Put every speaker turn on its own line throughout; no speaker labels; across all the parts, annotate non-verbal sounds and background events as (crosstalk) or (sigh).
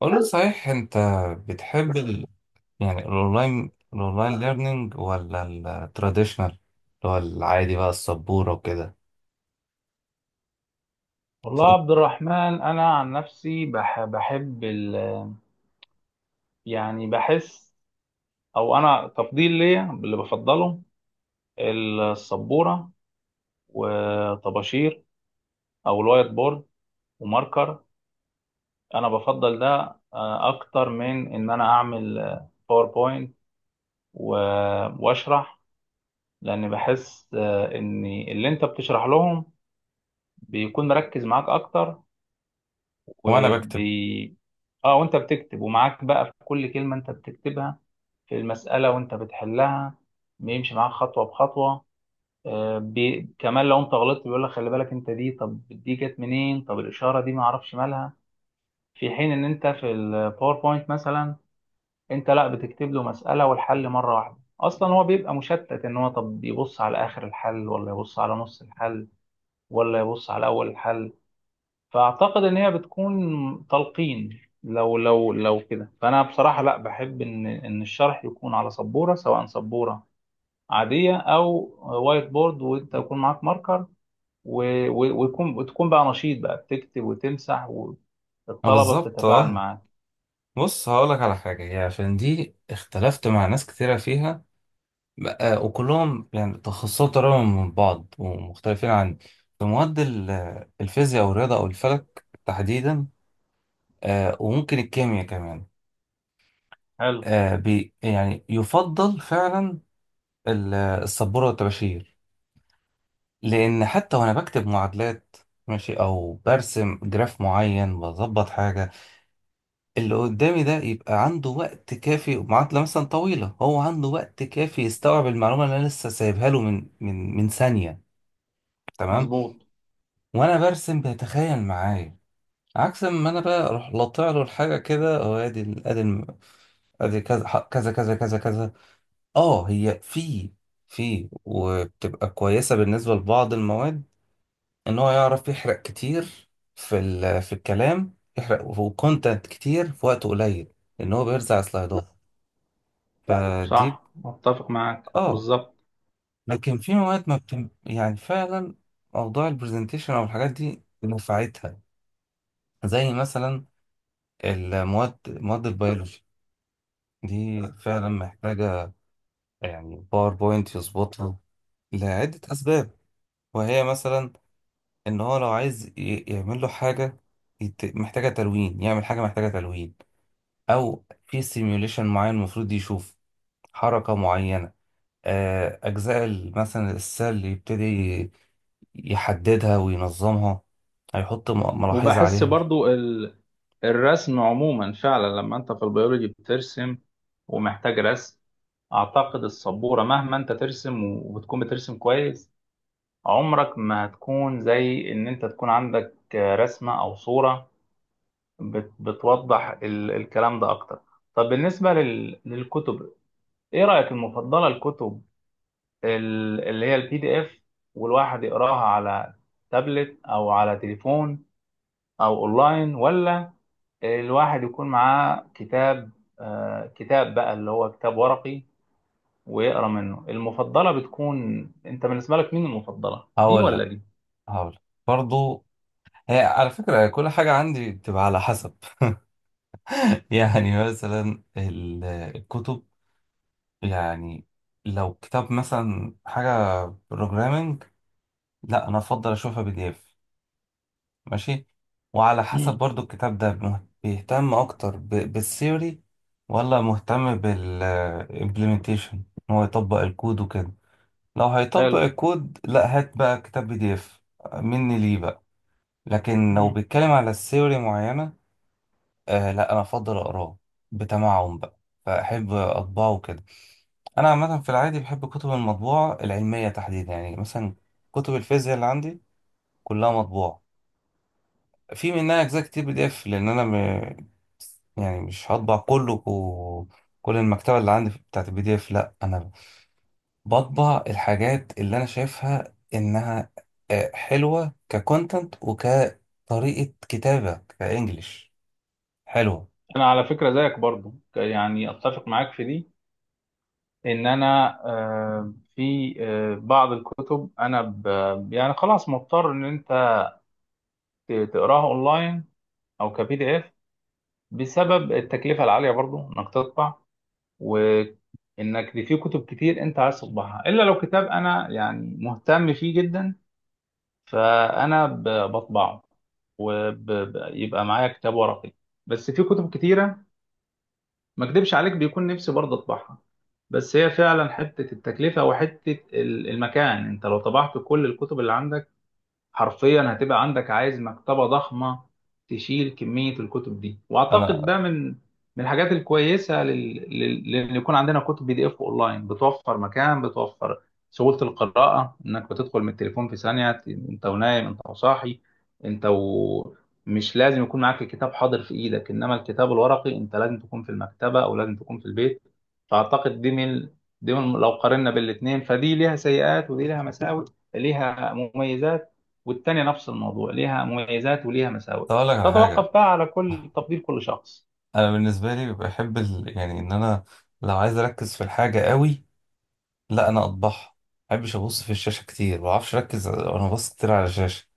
قول لي صحيح انت بتحب ال... يعني الاونلاين ليرنينج ولا التراديشنال اللي هو العادي بقى السبورة وكده.
والله يا
اتفضل.
عبد الرحمن، انا عن نفسي بحب ال بحس، او انا تفضيل ليا اللي بفضله السبوره وطباشير، او الوايت بورد وماركر. انا بفضل ده اكتر من ان انا اعمل باوربوينت واشرح. لان بحس ان اللي انت بتشرح لهم بيكون مركز معاك اكتر.
وانا بكتب.
وبي اه وانت بتكتب، ومعاك بقى في كل كلمة انت بتكتبها في المسألة وانت بتحلها، بيمشي معاك خطوة بخطوة. كمان لو انت غلطت بيقول لك خلي بالك، انت دي، طب دي جت منين، طب الإشارة دي ما اعرفش مالها. في حين ان انت في الباوربوينت مثلا، انت لا بتكتب له مسألة والحل مرة واحدة، اصلا هو بيبقى مشتت ان هو طب يبص على اخر الحل، ولا يبص على نص الحل، ولا يبص على اول الحل. فاعتقد ان هي بتكون تلقين لو كده. فانا بصراحه لا، بحب ان الشرح يكون على سبوره، سواء سبوره عاديه او وايت بورد، وانت يكون معاك ماركر، و- و- ويكون وتكون بقى نشيط بقى، بتكتب وتمسح،
اه
والطلبه
بالظبط،
بتتفاعل
اه
معاك.
بص هقولك على حاجة، هي عشان دي اختلفت مع ناس كتيرة فيها بقى، وكلهم يعني تخصصات قريبة من بعض ومختلفين عن، في مواد الفيزياء والرياضة او الفلك تحديدا. آه وممكن الكيمياء كمان.
حلو.
آه بي يعني يفضل فعلا السبورة والطباشير، لأن حتى وأنا بكتب معادلات، ماشي، أو برسم جراف معين بظبط حاجة، اللي قدامي ده يبقى عنده وقت كافي، معادلة مثلا طويلة هو عنده وقت كافي يستوعب المعلومة اللي أنا لسه سايبها له من ثانية. تمام.
مظبوط.
وأنا برسم بيتخيل معايا، عكس ما أنا بقى أروح لطع له الحاجة كده، أو أدي أدي الم- ادي كذا كذا كذا كذا كذا. اه هي في وبتبقى كويسة بالنسبة لبعض المواد، ان هو يعرف يحرق كتير في في الكلام، يحرق وكونتنت كتير في وقت قليل، لان هو بيرزع سلايدات (laughs) فدي ب-
صح، متفق معاك
اه
بالظبط.
لكن في مواد ما بتم... يعني فعلا موضوع البرزنتيشن او الحاجات دي نفعتها، زي مثلا المواد، البيولوجي دي فعلا محتاجة يعني باوربوينت يظبطها لعدة أسباب. وهي مثلا إن هو لو عايز يعمل له حاجة محتاجة تلوين، يعمل حاجة محتاجة تلوين، او في سيميوليشن معين المفروض يشوف حركة معينة. اجزاء مثلا السيل يبتدي يحددها وينظمها، هيحط ملاحظة
وبحس
عليها.
برضو الرسم عموما فعلا لما انت في البيولوجي بترسم ومحتاج رسم، اعتقد السبوره مهما انت ترسم وبتكون بترسم كويس، عمرك ما هتكون زي ان انت تكون عندك رسمه او صوره بتوضح الكلام ده اكتر. طب بالنسبه للكتب، ايه رايك؟ المفضله الكتب اللي هي البي دي اف والواحد يقراها على تابلت او على تليفون او اونلاين، ولا الواحد يكون معاه كتاب، كتاب بقى اللي هو كتاب ورقي ويقرا منه؟ المفضله بتكون انت بالنسبه لك مين، المفضله دي
هقول
ولا
لك
دي؟
هقول لك برضو، هي على فكرة كل حاجة عندي بتبقى على حسب. (laughs) يعني مثلا الكتب، يعني لو كتاب مثلا حاجة بروجرامنج، لا انا افضل اشوفها بي دي اف. ماشي. وعلى حسب
مم.
برضو الكتاب ده بيهتم اكتر بالثيوري ولا مهتم بالامبلمنتيشن، ان هو يطبق الكود وكده. لو هيطبق
حلو.
الكود لا هات بقى كتاب بي دي اف مني ليه بقى. لكن لو
مم.
بيتكلم على الثيوري معينة، آه لا انا افضل اقراه بتمعن بقى، فاحب اطبعه كده. انا عامة في العادي بحب كتب المطبوعة العلمية تحديدا، يعني مثلا كتب الفيزياء اللي عندي كلها مطبوعة. في منها اجزاء كتير بي دي اف، لان انا يعني مش هطبع كل المكتبه اللي عندي بتاعت البي دي اف، لا انا بطبع الحاجات اللي انا شايفها انها حلوه ككونتنت وكطريقه كتابه كانجليش حلوه.
انا على فكره زيك برضو، يعني اتفق معاك في دي، ان انا في بعض الكتب انا يعني خلاص مضطر ان انت تقراها اونلاين او كبي دي اف، بسبب التكلفه العاليه برضو انك تطبع، وانك دي في كتب كتير انت عايز تطبعها. الا لو كتاب انا يعني مهتم فيه جدا، فانا بطبعه ويبقى معايا كتاب ورقي. بس في كتب كتيره، ما اكدبش عليك، بيكون نفسي برضه اطبعها، بس هي فعلا حته التكلفه وحته المكان. انت لو طبعت كل الكتب اللي عندك، حرفيا هتبقى عندك، عايز مكتبة ضخمة تشيل كمية الكتب دي. واعتقد
انا
ده من، الحاجات الكويسة لان يكون عندنا كتب بي دي اف اونلاين، بتوفر مكان، بتوفر سهولة القراءة، انك بتدخل من التليفون في ثانية انت ونايم، انت وصاحي، انت و... مش لازم يكون معاك الكتاب حاضر في ايدك. انما الكتاب الورقي انت لازم تكون في المكتبة، او لازم تكون في البيت. فاعتقد دي من، لو قارنا بالاثنين، فدي ليها سيئات، ودي ليها مساوئ، ليها مميزات. والتانية نفس الموضوع، ليها مميزات وليها مساوئ.
طب اقول لك على حاجه،
تتوقف بقى على كل تفضيل كل شخص.
انا بالنسبه لي بحب يعني ان انا لو عايز اركز في الحاجه قوي، لا انا اطبعها. ما بحبش ابص في الشاشه كتير، ما بعرفش اركز وانا ببص كتير على الشاشه.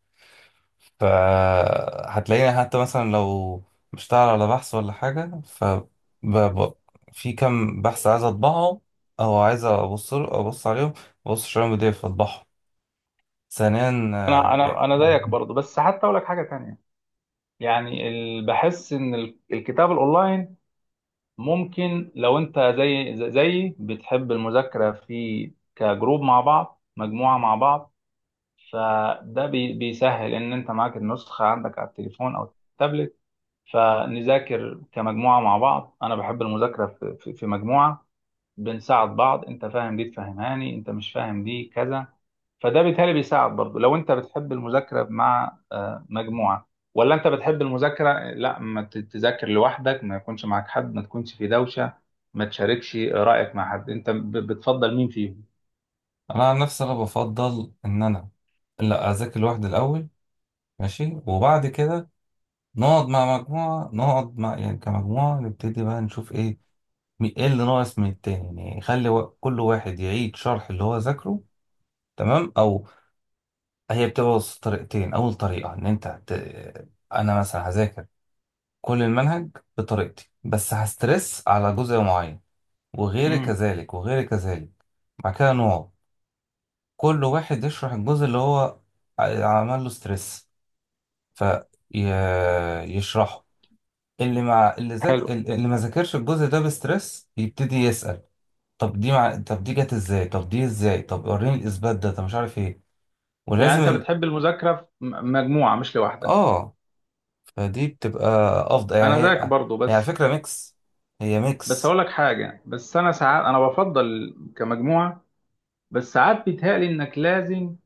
فهتلاقيني حتى مثلا لو بشتغل على بحث ولا حاجة، ب- في كام بحث عايز اطبعهم، او عايز ابص عليهم، ببص عليهم بي دي اف اطبعهم. ثانيا،
انا زيك برضه، بس حتى اقول لك حاجه تانية. يعني بحس ان الكتاب الاونلاين ممكن لو انت زي زيي بتحب المذاكره في كجروب مع بعض، مجموعه مع بعض، فده بيسهل ان انت معاك النسخه عندك على التليفون او التابلت، فنذاكر كمجموعه مع بعض. انا بحب المذاكره في مجموعه، بنساعد بعض، انت فاهم دي تفهمهاني، انت مش فاهم دي كذا. فده بالتالي بيساعد برضه لو انت بتحب المذاكره مع مجموعه، ولا انت بتحب المذاكره لا، ما تذاكر لوحدك، ما يكونش معاك حد، ما تكونش في دوشه، ما تشاركش رايك مع حد. انت بتفضل مين فيهم؟
انا عن نفسي انا بفضل ان انا لا اذاكر لوحدي الاول، ماشي، وبعد كده نقعد مع مجموعه، نقعد مع يعني كمجموعه نبتدي بقى نشوف ايه، ايه اللي ناقص من التاني، يعني خلي كل واحد يعيد شرح اللي هو ذاكره. تمام. او هي بتبص طريقتين، اول طريقه ان انا مثلا هذاكر كل المنهج بطريقتي، بس هسترس على جزء معين، وغيري
امم.
كذلك وغيري كذلك. بعد كده نوع، كل واحد يشرح الجزء اللي هو عمل له ستريس فيشرحه،
حلو.
اللي ما ذاكرش الجزء ده بستريس يبتدي يسأل، طب طب دي جت ازاي، طب دي ازاي، طب وريني الاثبات ده، طب مش عارف ايه.
يعني
ولازم
انت
ال...
بتحب المذاكره في مجموعه مش لوحدك.
اه فدي بتبقى افضل يعني.
انا زيك برضه،
هي على
بس
فكره ميكس، هي
بس هقول
ميكس.
لك حاجه. بس انا ساعات انا بفضل كمجموعه، بس ساعات بيتهيألي انك لازم،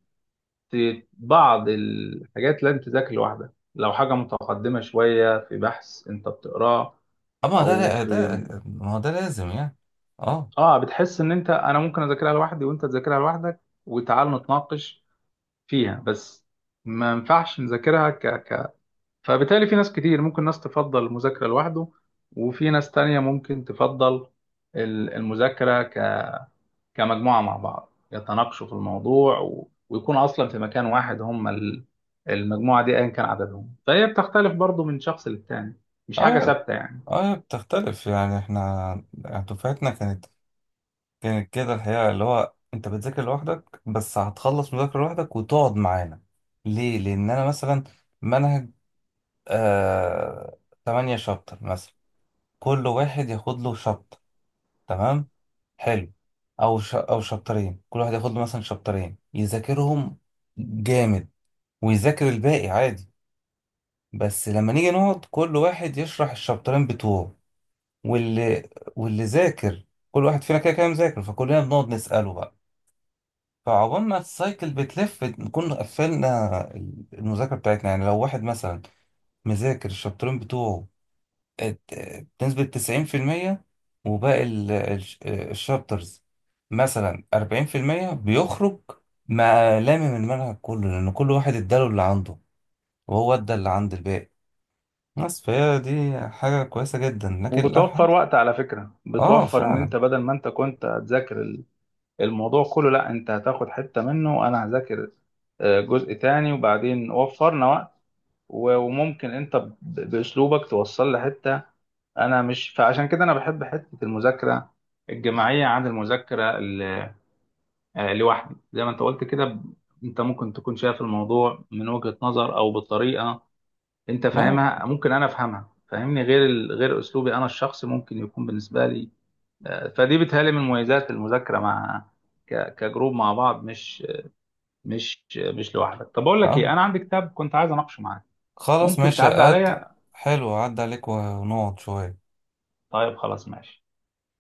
بعض الحاجات لازم تذاكر لوحدك، لو حاجة متقدمة شوية في بحث انت بتقراه
اما
او
ده
في.
ده ما هو ده لازم يعني. اه.
اه، بتحس ان انا ممكن اذاكرها لوحدي وانت تذاكرها لوحدك، وتعال نتناقش فيها بس، ما ينفعش نذاكرها فبالتالي في ناس كتير ممكن، ناس تفضل المذاكرة لوحده، وفي ناس تانية ممكن تفضل المذاكرة كمجموعة مع بعض، يتناقشوا في الموضوع ويكونوا أصلا في مكان واحد. هم المجموعة دي أيا كان عددهم، فهي بتختلف برضو من شخص للتاني، مش حاجة
اه.
ثابتة يعني.
اه بتختلف. يعني احنا دفعتنا كانت، كده الحقيقه اللي هو انت بتذاكر لوحدك، بس هتخلص مذاكره لوحدك وتقعد معانا. ليه؟ لان انا مثلا منهج آه 8 شابتر مثلا، كل واحد ياخد له شابتر. تمام. حلو. او او شابترين، كل واحد ياخد له مثلا شابترين يذاكرهم. جامد. ويذاكر الباقي عادي. بس لما نيجي نقعد كل واحد يشرح الشابترين بتوعه، واللي واللي ذاكر كل واحد فينا كده كده مذاكر، فكلنا بنقعد نسأله بقى. فعقبال ما السايكل بتلف نكون قفلنا المذاكرة بتاعتنا. يعني لو واحد مثلا مذاكر الشابترين بتوعه ات- بنسبة 90%، وباقي الشابترز مثلا 40% بيخرج مع لامم المنهج كله، لأن كل واحد اداله اللي عنده وهو ادى اللي عند الباقي بس. فهي دي حاجة كويسة جدا، لكن
وبتوفر
الأبحاث.
وقت على فكرة،
اه
بتوفر إن
فعلا.
أنت بدل ما أنت كنت هتذاكر الموضوع كله، لا أنت هتاخد حتة منه وأنا هذاكر جزء تاني، وبعدين وفرنا وقت وممكن أنت بأسلوبك توصل لحتة انا مش. فعشان كده انا بحب حته المذاكره الجماعيه عن المذاكره لوحدي. زي ما انت قلت كده انت ممكن تكون شايف الموضوع من وجهة نظر او بالطريقة انت
اه.
فاهمها، ممكن انا افهمها، فاهمني، غير غير اسلوبي انا الشخصي ممكن يكون بالنسبة لي فدي بتهيألي من مميزات المذاكرة مع كجروب مع بعض، مش مش لوحدك. طب اقول لك ايه،
اه
انا عندي كتاب كنت عايز اناقشه معاك،
خلاص
ممكن
ماشي
تعدي
قد.
عليا؟
حلو عدى عليك ونقعد شوية.
طيب خلاص ماشي.